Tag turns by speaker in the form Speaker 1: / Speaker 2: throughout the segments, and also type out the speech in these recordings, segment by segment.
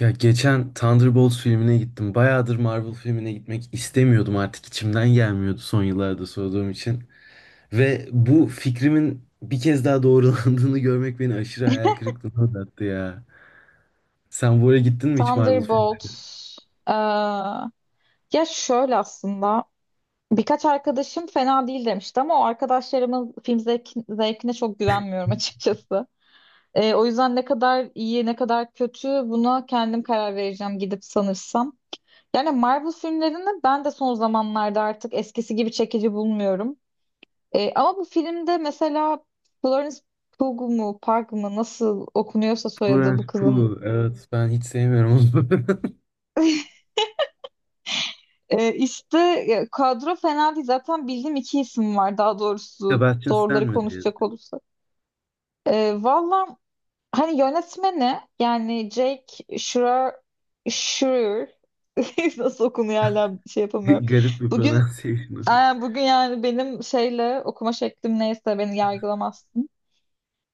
Speaker 1: Ya geçen Thunderbolts filmine gittim. Bayağıdır Marvel filmine gitmek istemiyordum artık içimden gelmiyordu son yıllarda sorduğum için. Ve bu fikrimin bir kez daha doğrulandığını görmek beni aşırı hayal kırıklığına uğrattı ya. Sen bu ara gittin mi hiç Marvel filmine?
Speaker 2: Thunderbolt. Ee, Ya şöyle aslında birkaç arkadaşım fena değil demişti ama o arkadaşlarımın film zevkine çok güvenmiyorum açıkçası. O yüzden ne kadar iyi ne kadar kötü buna kendim karar vereceğim gidip sanırsam. Yani Marvel filmlerini ben de son zamanlarda artık eskisi gibi çekici bulmuyorum. Ama bu filmde mesela Florence Pugh mu Park mı nasıl okunuyorsa soyadı bu
Speaker 1: Florence
Speaker 2: kızın.
Speaker 1: Pugh. Evet ben hiç sevmiyorum onu.
Speaker 2: İşte kadro fena değil. Zaten bildiğim iki isim var, daha doğrusu
Speaker 1: Sebastian Stan
Speaker 2: doğruları
Speaker 1: mi diye.
Speaker 2: konuşacak olursak. Valla hani yönetmeni yani Jake Schreier nasıl okunuyor hala şey yapamıyorum.
Speaker 1: Garip bir
Speaker 2: Bugün
Speaker 1: pronunciation.
Speaker 2: e, bugün yani benim şeyle okuma şeklim neyse beni yargılamaz.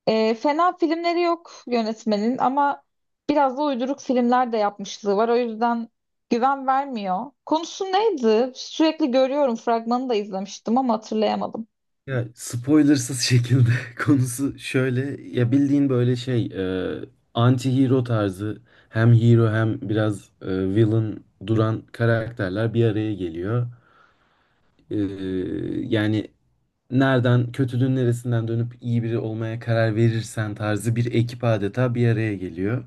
Speaker 2: Fena filmleri yok yönetmenin ama biraz da uyduruk filmler de yapmışlığı var. O yüzden güven vermiyor. Konusu neydi? Sürekli görüyorum. Fragmanı da izlemiştim ama hatırlayamadım.
Speaker 1: Ya spoilersız şekilde konusu şöyle ya bildiğin böyle şey anti-hero tarzı hem hero hem biraz villain duran karakterler bir araya geliyor. E, Yani nereden kötülüğün neresinden dönüp iyi biri olmaya karar verirsen tarzı bir ekip adeta bir araya geliyor.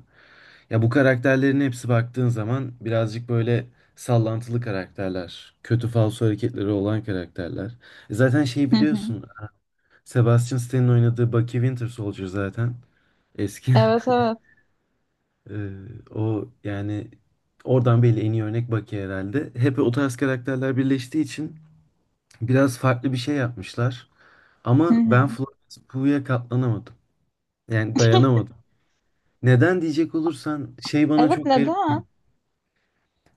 Speaker 1: Ya bu karakterlerin hepsi baktığın zaman birazcık böyle sallantılı karakterler, kötü falso hareketleri olan karakterler. Zaten şey
Speaker 2: Hı hı.
Speaker 1: biliyorsun Sebastian Stan'ın oynadığı Bucky Winter Soldier zaten. Eski.
Speaker 2: Evet, evet.
Speaker 1: Ee, O yani oradan belli en iyi örnek Bucky herhalde. Hep o tarz karakterler birleştiği için biraz farklı bir şey yapmışlar.
Speaker 2: Hı
Speaker 1: Ama ben
Speaker 2: hı.
Speaker 1: Florence Pugh'ya katlanamadım. Yani dayanamadım. Neden diyecek olursan şey bana
Speaker 2: Evet,
Speaker 1: çok garip geliyor.
Speaker 2: neden?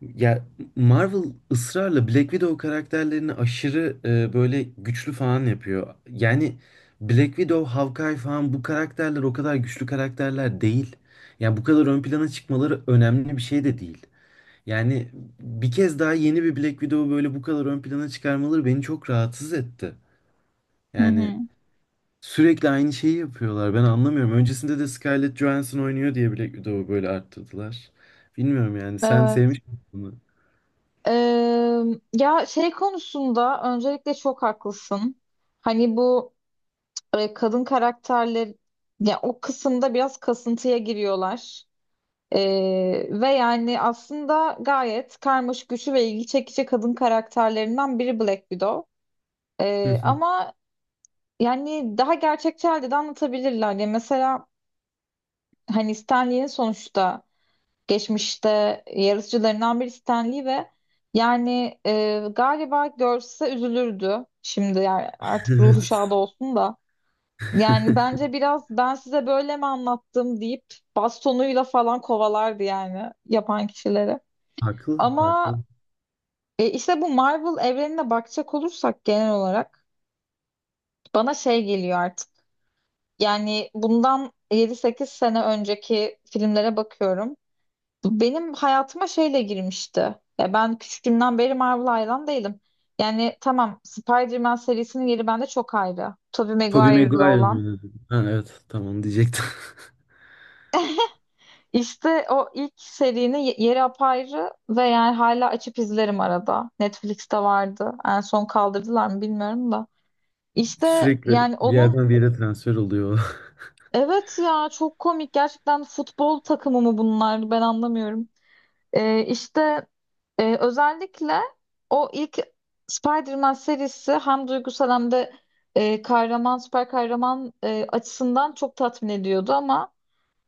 Speaker 1: Ya Marvel ısrarla Black Widow karakterlerini aşırı böyle güçlü falan yapıyor. Yani Black Widow, Hawkeye falan bu karakterler o kadar güçlü karakterler değil. Yani bu kadar ön plana çıkmaları önemli bir şey de değil. Yani bir kez daha yeni bir Black Widow'u böyle bu kadar ön plana çıkarmaları beni çok rahatsız etti.
Speaker 2: Hı
Speaker 1: Yani
Speaker 2: hı.
Speaker 1: sürekli aynı şeyi yapıyorlar. Ben anlamıyorum. Öncesinde de Scarlett Johansson oynuyor diye Black Widow'u böyle arttırdılar. Bilmiyorum yani. Sen
Speaker 2: Evet.
Speaker 1: sevmiş misin bunu?
Speaker 2: Ee, Ya şey konusunda öncelikle çok haklısın. Hani bu kadın karakterler, ya o kısımda biraz kasıntıya giriyorlar. Ve yani aslında gayet karmaşık, güçlü ve ilgi çekici kadın karakterlerinden biri Black Widow. Ama yani daha gerçekçi halde de anlatabilirler. Yani mesela hani Stan Lee'nin sonuçta geçmişte yarışçılarından biri Stan Lee ve yani galiba görse üzülürdü. Şimdi yani artık
Speaker 1: Evet.
Speaker 2: ruhu şad olsun da. Yani bence biraz ben size böyle mi anlattım deyip bastonuyla falan kovalardı yani yapan kişileri.
Speaker 1: Haklı,
Speaker 2: Ama
Speaker 1: haklı.
Speaker 2: İşte bu Marvel evrenine bakacak olursak genel olarak bana şey geliyor artık. Yani bundan yedi sekiz sene önceki filmlere bakıyorum. Benim hayatıma şeyle girmişti. Ya ben küçüklüğümden beri Marvel hayran değilim. Yani tamam, Spider-Man serisinin yeri bende çok ayrı. Tobey
Speaker 1: Tobey
Speaker 2: Maguire'la
Speaker 1: Maguire'ın
Speaker 2: olan.
Speaker 1: oynadı. Ha, evet, tamam diyecektim.
Speaker 2: İşte o ilk serinin yeri apayrı ve yani hala açıp izlerim arada. Netflix'te vardı. En son kaldırdılar mı bilmiyorum da. İşte
Speaker 1: Sürekli
Speaker 2: yani
Speaker 1: bir
Speaker 2: onun.
Speaker 1: yerden bir yere transfer oluyor.
Speaker 2: Evet, ya çok komik gerçekten, futbol takımı mı bunlar, ben anlamıyorum. İşte özellikle o ilk Spider-Man serisi hem duygusal hem de kahraman, süper kahraman açısından çok tatmin ediyordu ama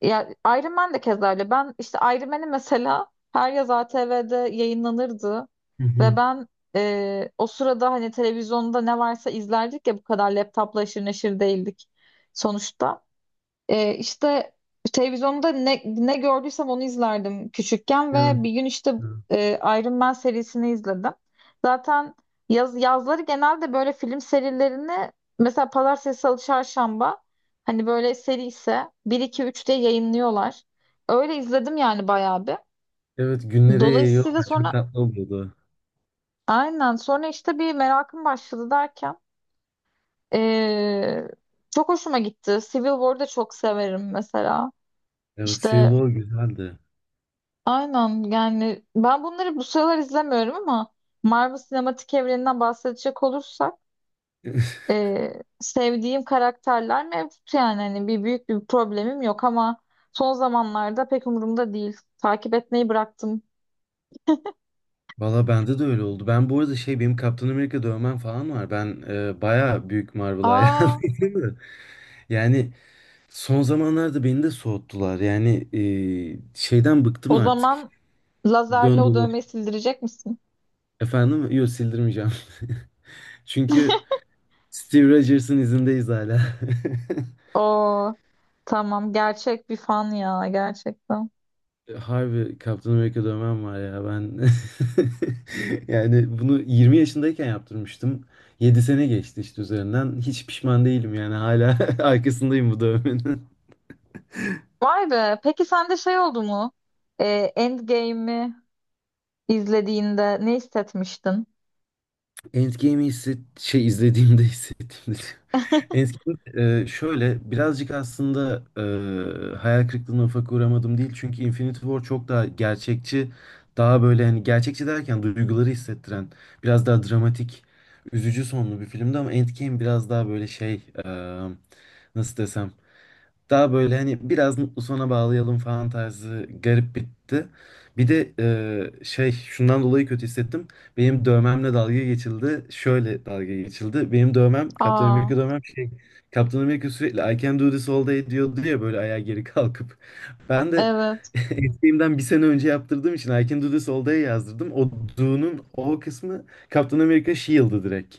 Speaker 2: ya Iron Man de keza öyle. Ben işte Iron Man'i mesela her yaz ATV'de yayınlanırdı
Speaker 1: Hı
Speaker 2: ve
Speaker 1: hı.
Speaker 2: ben o sırada hani televizyonda ne varsa izlerdik, ya bu kadar laptopla aşırı neşir değildik sonuçta. İşte televizyonda ne gördüysem onu izlerdim küçükken
Speaker 1: Evet.
Speaker 2: ve bir gün işte
Speaker 1: Evet,
Speaker 2: e, Iron Man serisini izledim. Zaten yazları genelde böyle film serilerini mesela Pazartesi, Salı, Çarşamba hani böyle seri ise bir 2 üç diye yayınlıyorlar. Öyle izledim yani bayağı bir.
Speaker 1: evet, günlere yayıyor
Speaker 2: Dolayısıyla
Speaker 1: ama çok
Speaker 2: sonra
Speaker 1: tatlı oluyordu.
Speaker 2: aynen sonra işte bir merakım başladı derken e, çok hoşuma gitti. Civil War'ı da çok severim mesela.
Speaker 1: Evet, Civil
Speaker 2: İşte
Speaker 1: War güzeldi.
Speaker 2: aynen, yani ben bunları bu sıralar izlemiyorum ama Marvel sinematik evreninden bahsedecek olursak sevdiğim karakterler mevcut, yani hani bir büyük bir problemim yok ama son zamanlarda pek umurumda değil. Takip etmeyi bıraktım.
Speaker 1: Valla bende de öyle oldu. Ben bu arada şey benim Kaptan Amerika dövmem falan var. Ben baya büyük Marvel
Speaker 2: Aa,
Speaker 1: hayranıyım. da. Yani son zamanlarda beni de soğuttular. Yani şeyden bıktım
Speaker 2: o
Speaker 1: artık.
Speaker 2: zaman lazerle
Speaker 1: Dön
Speaker 2: o dövmeyi sildirecek misin?
Speaker 1: Efendim? Yok sildirmeyeceğim. Çünkü Steve Rogers'ın izindeyiz hala.
Speaker 2: Oo, tamam, gerçek bir fan ya gerçekten.
Speaker 1: Harbi Captain America dövmem var ya ben. Yani bunu 20 yaşındayken yaptırmıştım. 7 sene geçti işte üzerinden. Hiç pişman değilim yani hala arkasındayım bu dövmenin.
Speaker 2: Vay be, peki sende şey oldu mu? E, Endgame'i izlediğinde ne hissetmiştin?
Speaker 1: Şey izlediğimde hissettiğimde Endgame şöyle birazcık aslında hayal kırıklığına ufak uğramadım değil. Çünkü Infinity War çok daha gerçekçi, daha böyle hani gerçekçi derken duyguları hissettiren, biraz daha dramatik, üzücü sonlu bir filmdi ama Endgame biraz daha böyle şey nasıl desem daha böyle hani biraz mutlu sona bağlayalım falan tarzı garip bitti. Bir de şey şundan dolayı kötü hissettim. Benim dövmemle dalga geçildi. Şöyle dalga geçildi. Benim dövmem Kaptan
Speaker 2: Aa,
Speaker 1: Amerika dövmem şey Kaptan Amerika sürekli I can do this all day diyordu ya böyle ayağa geri kalkıp. Ben de
Speaker 2: evet.
Speaker 1: eskiğimden bir sene önce yaptırdığım için I can do this all day yazdırdım. O do'nun o kısmı Kaptan Amerika Shield'ı direkt.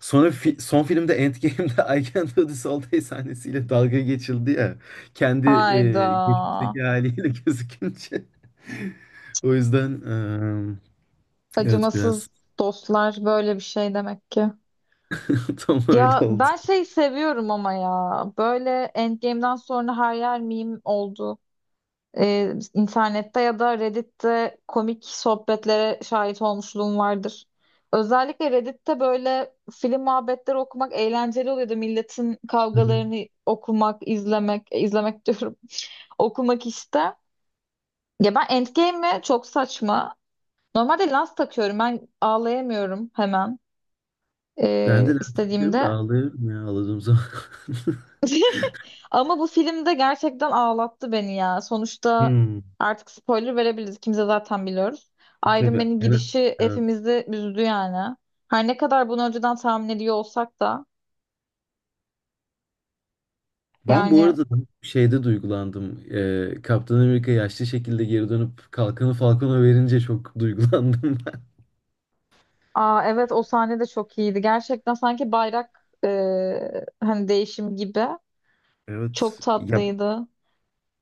Speaker 1: Sonra son filmde Endgame'de I Can Do This All Day sahnesiyle dalga geçildi ya. Kendi
Speaker 2: Hayda.
Speaker 1: geçmişteki haliyle gözükünce. O yüzden evet biraz
Speaker 2: Acımasız dostlar böyle bir şey demek ki.
Speaker 1: tam öyle
Speaker 2: Ya
Speaker 1: oldu.
Speaker 2: ben şey seviyorum ama ya. Böyle Endgame'den sonra her yer meme oldu. İnternette ya da Reddit'te komik sohbetlere şahit olmuşluğum vardır. Özellikle Reddit'te böyle film muhabbetleri okumak eğlenceli oluyordu. Milletin
Speaker 1: Hı hı.
Speaker 2: kavgalarını okumak, izlemek, izlemek diyorum. okumak işte. Ya ben Endgame'i çok saçma. Normalde lens takıyorum. Ben ağlayamıyorum hemen
Speaker 1: Ben de lens takıyorum da
Speaker 2: istediğimde.
Speaker 1: ağlıyorum ya ağladığım zaman.
Speaker 2: Ama bu filmde gerçekten ağlattı beni ya. Sonuçta
Speaker 1: Hmm.
Speaker 2: artık spoiler verebiliriz. Kimse zaten biliyoruz. Iron
Speaker 1: Tabii.
Speaker 2: Man'in
Speaker 1: Yani,
Speaker 2: gidişi
Speaker 1: evet.
Speaker 2: hepimizi üzdü yani. Her ne kadar bunu önceden tahmin ediyor olsak da
Speaker 1: Ben bu
Speaker 2: yani.
Speaker 1: arada şeyde duygulandım. Kaptan Amerika yaşlı şekilde geri dönüp kalkanı Falcon'a verince çok duygulandım.
Speaker 2: Aa, evet, o sahne de çok iyiydi. Gerçekten sanki bayrak hani değişim gibi. Çok
Speaker 1: Evet. Ya
Speaker 2: tatlıydı.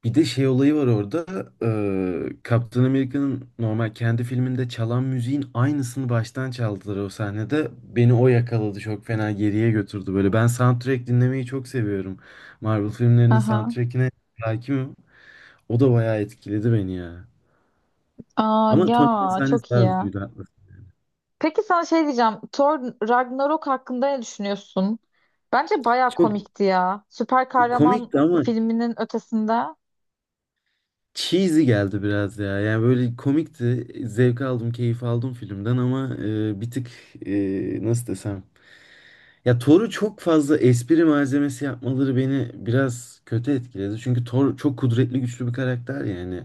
Speaker 1: bir de şey olayı var orada. Captain America'nın normal kendi filminde çalan müziğin aynısını baştan çaldılar o sahnede. Beni o yakaladı. Çok fena geriye götürdü böyle. Ben soundtrack dinlemeyi çok seviyorum. Marvel filmlerinin
Speaker 2: Aha.
Speaker 1: soundtrackine hakimim. O da bayağı etkiledi beni ya.
Speaker 2: Aa,
Speaker 1: Ama
Speaker 2: ya
Speaker 1: Tony Stark'ın sahnesi
Speaker 2: çok
Speaker 1: daha
Speaker 2: iyi.
Speaker 1: üzücüydü. Haklısın.
Speaker 2: Peki sana şey diyeceğim. Thor Ragnarok hakkında ne düşünüyorsun? Bence baya
Speaker 1: Çok
Speaker 2: komikti ya, süper kahraman
Speaker 1: komikti ama
Speaker 2: filminin ötesinde.
Speaker 1: cheesy geldi biraz ya. Yani böyle komikti. Zevk aldım, keyif aldım filmden ama bir tık nasıl desem ya Thor'u çok fazla espri malzemesi yapmaları beni biraz kötü etkiledi. Çünkü Thor çok kudretli güçlü bir karakter yani.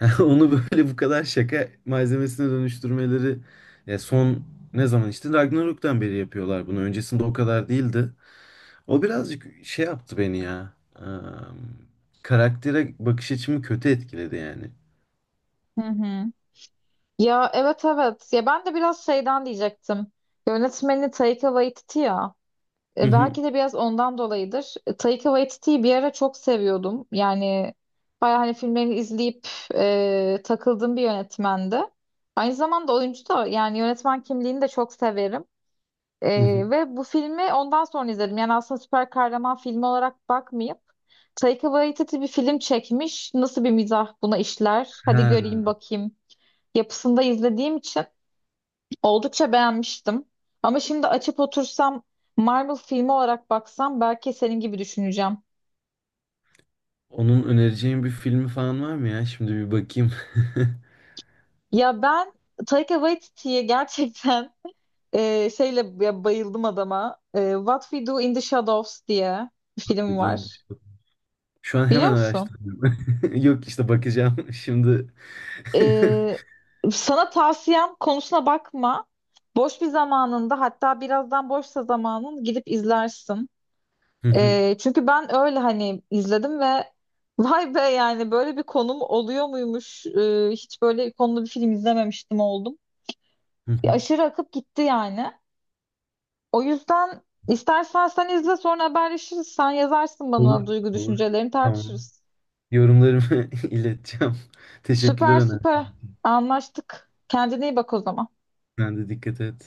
Speaker 1: Onu böyle bu kadar şaka malzemesine dönüştürmeleri ya son ne zaman işte Ragnarok'tan beri yapıyorlar bunu. Öncesinde o kadar değildi. O birazcık şey yaptı beni ya. Eee, Karaktere bakış açımı kötü etkiledi yani.
Speaker 2: Hı hı. Ya evet, evet. Ya ben de biraz şeyden diyecektim. Yönetmeni Taika Waititi ya.
Speaker 1: Hı hı,
Speaker 2: Belki de biraz ondan dolayıdır. Taika Waititi'yi bir ara çok seviyordum. Yani bayağı hani filmlerini izleyip takıldığım bir yönetmendi. Aynı zamanda oyuncu da, yani yönetmen kimliğini de çok severim.
Speaker 1: hı hı.
Speaker 2: Ve bu filmi ondan sonra izledim. Yani aslında süper kahraman filmi olarak bakmayıp Taika Waititi bir film çekmiş, nasıl bir mizah buna işler, hadi
Speaker 1: Ha,
Speaker 2: göreyim bakayım yapısında izlediğim için oldukça beğenmiştim. Ama şimdi açıp otursam Marvel filmi olarak baksam belki senin gibi düşüneceğim.
Speaker 1: onun önereceğin bir filmi falan var mı ya? Şimdi bir bakayım.
Speaker 2: Ya ben Taika Waititi'ye gerçekten şeyle ya, bayıldım adama. What We Do in the Shadows diye bir film
Speaker 1: Bir dön.
Speaker 2: var.
Speaker 1: Şu an
Speaker 2: Biliyor
Speaker 1: hemen
Speaker 2: musun?
Speaker 1: araştırıyorum. Yok işte bakacağım şimdi.
Speaker 2: Ee, Sana tavsiyem, konusuna bakma. Boş bir zamanında, hatta birazdan boşsa zamanın, gidip izlersin.
Speaker 1: Hı hı,
Speaker 2: Çünkü ben öyle hani izledim ve vay be, yani böyle bir konum oluyor muymuş? Hiç böyle konulu bir film izlememiştim oldum.
Speaker 1: hı
Speaker 2: Bir
Speaker 1: hı.
Speaker 2: aşırı akıp gitti yani. O yüzden istersen sen izle, sonra haberleşiriz. Sen yazarsın
Speaker 1: Olur,
Speaker 2: bana, duygu
Speaker 1: olur.
Speaker 2: düşüncelerini
Speaker 1: Tamam.
Speaker 2: tartışırız.
Speaker 1: Yorumlarımı ileteceğim. Teşekkürler
Speaker 2: Süper
Speaker 1: Öner.
Speaker 2: süper anlaştık. Kendine iyi bak o zaman.
Speaker 1: Sen de dikkat et.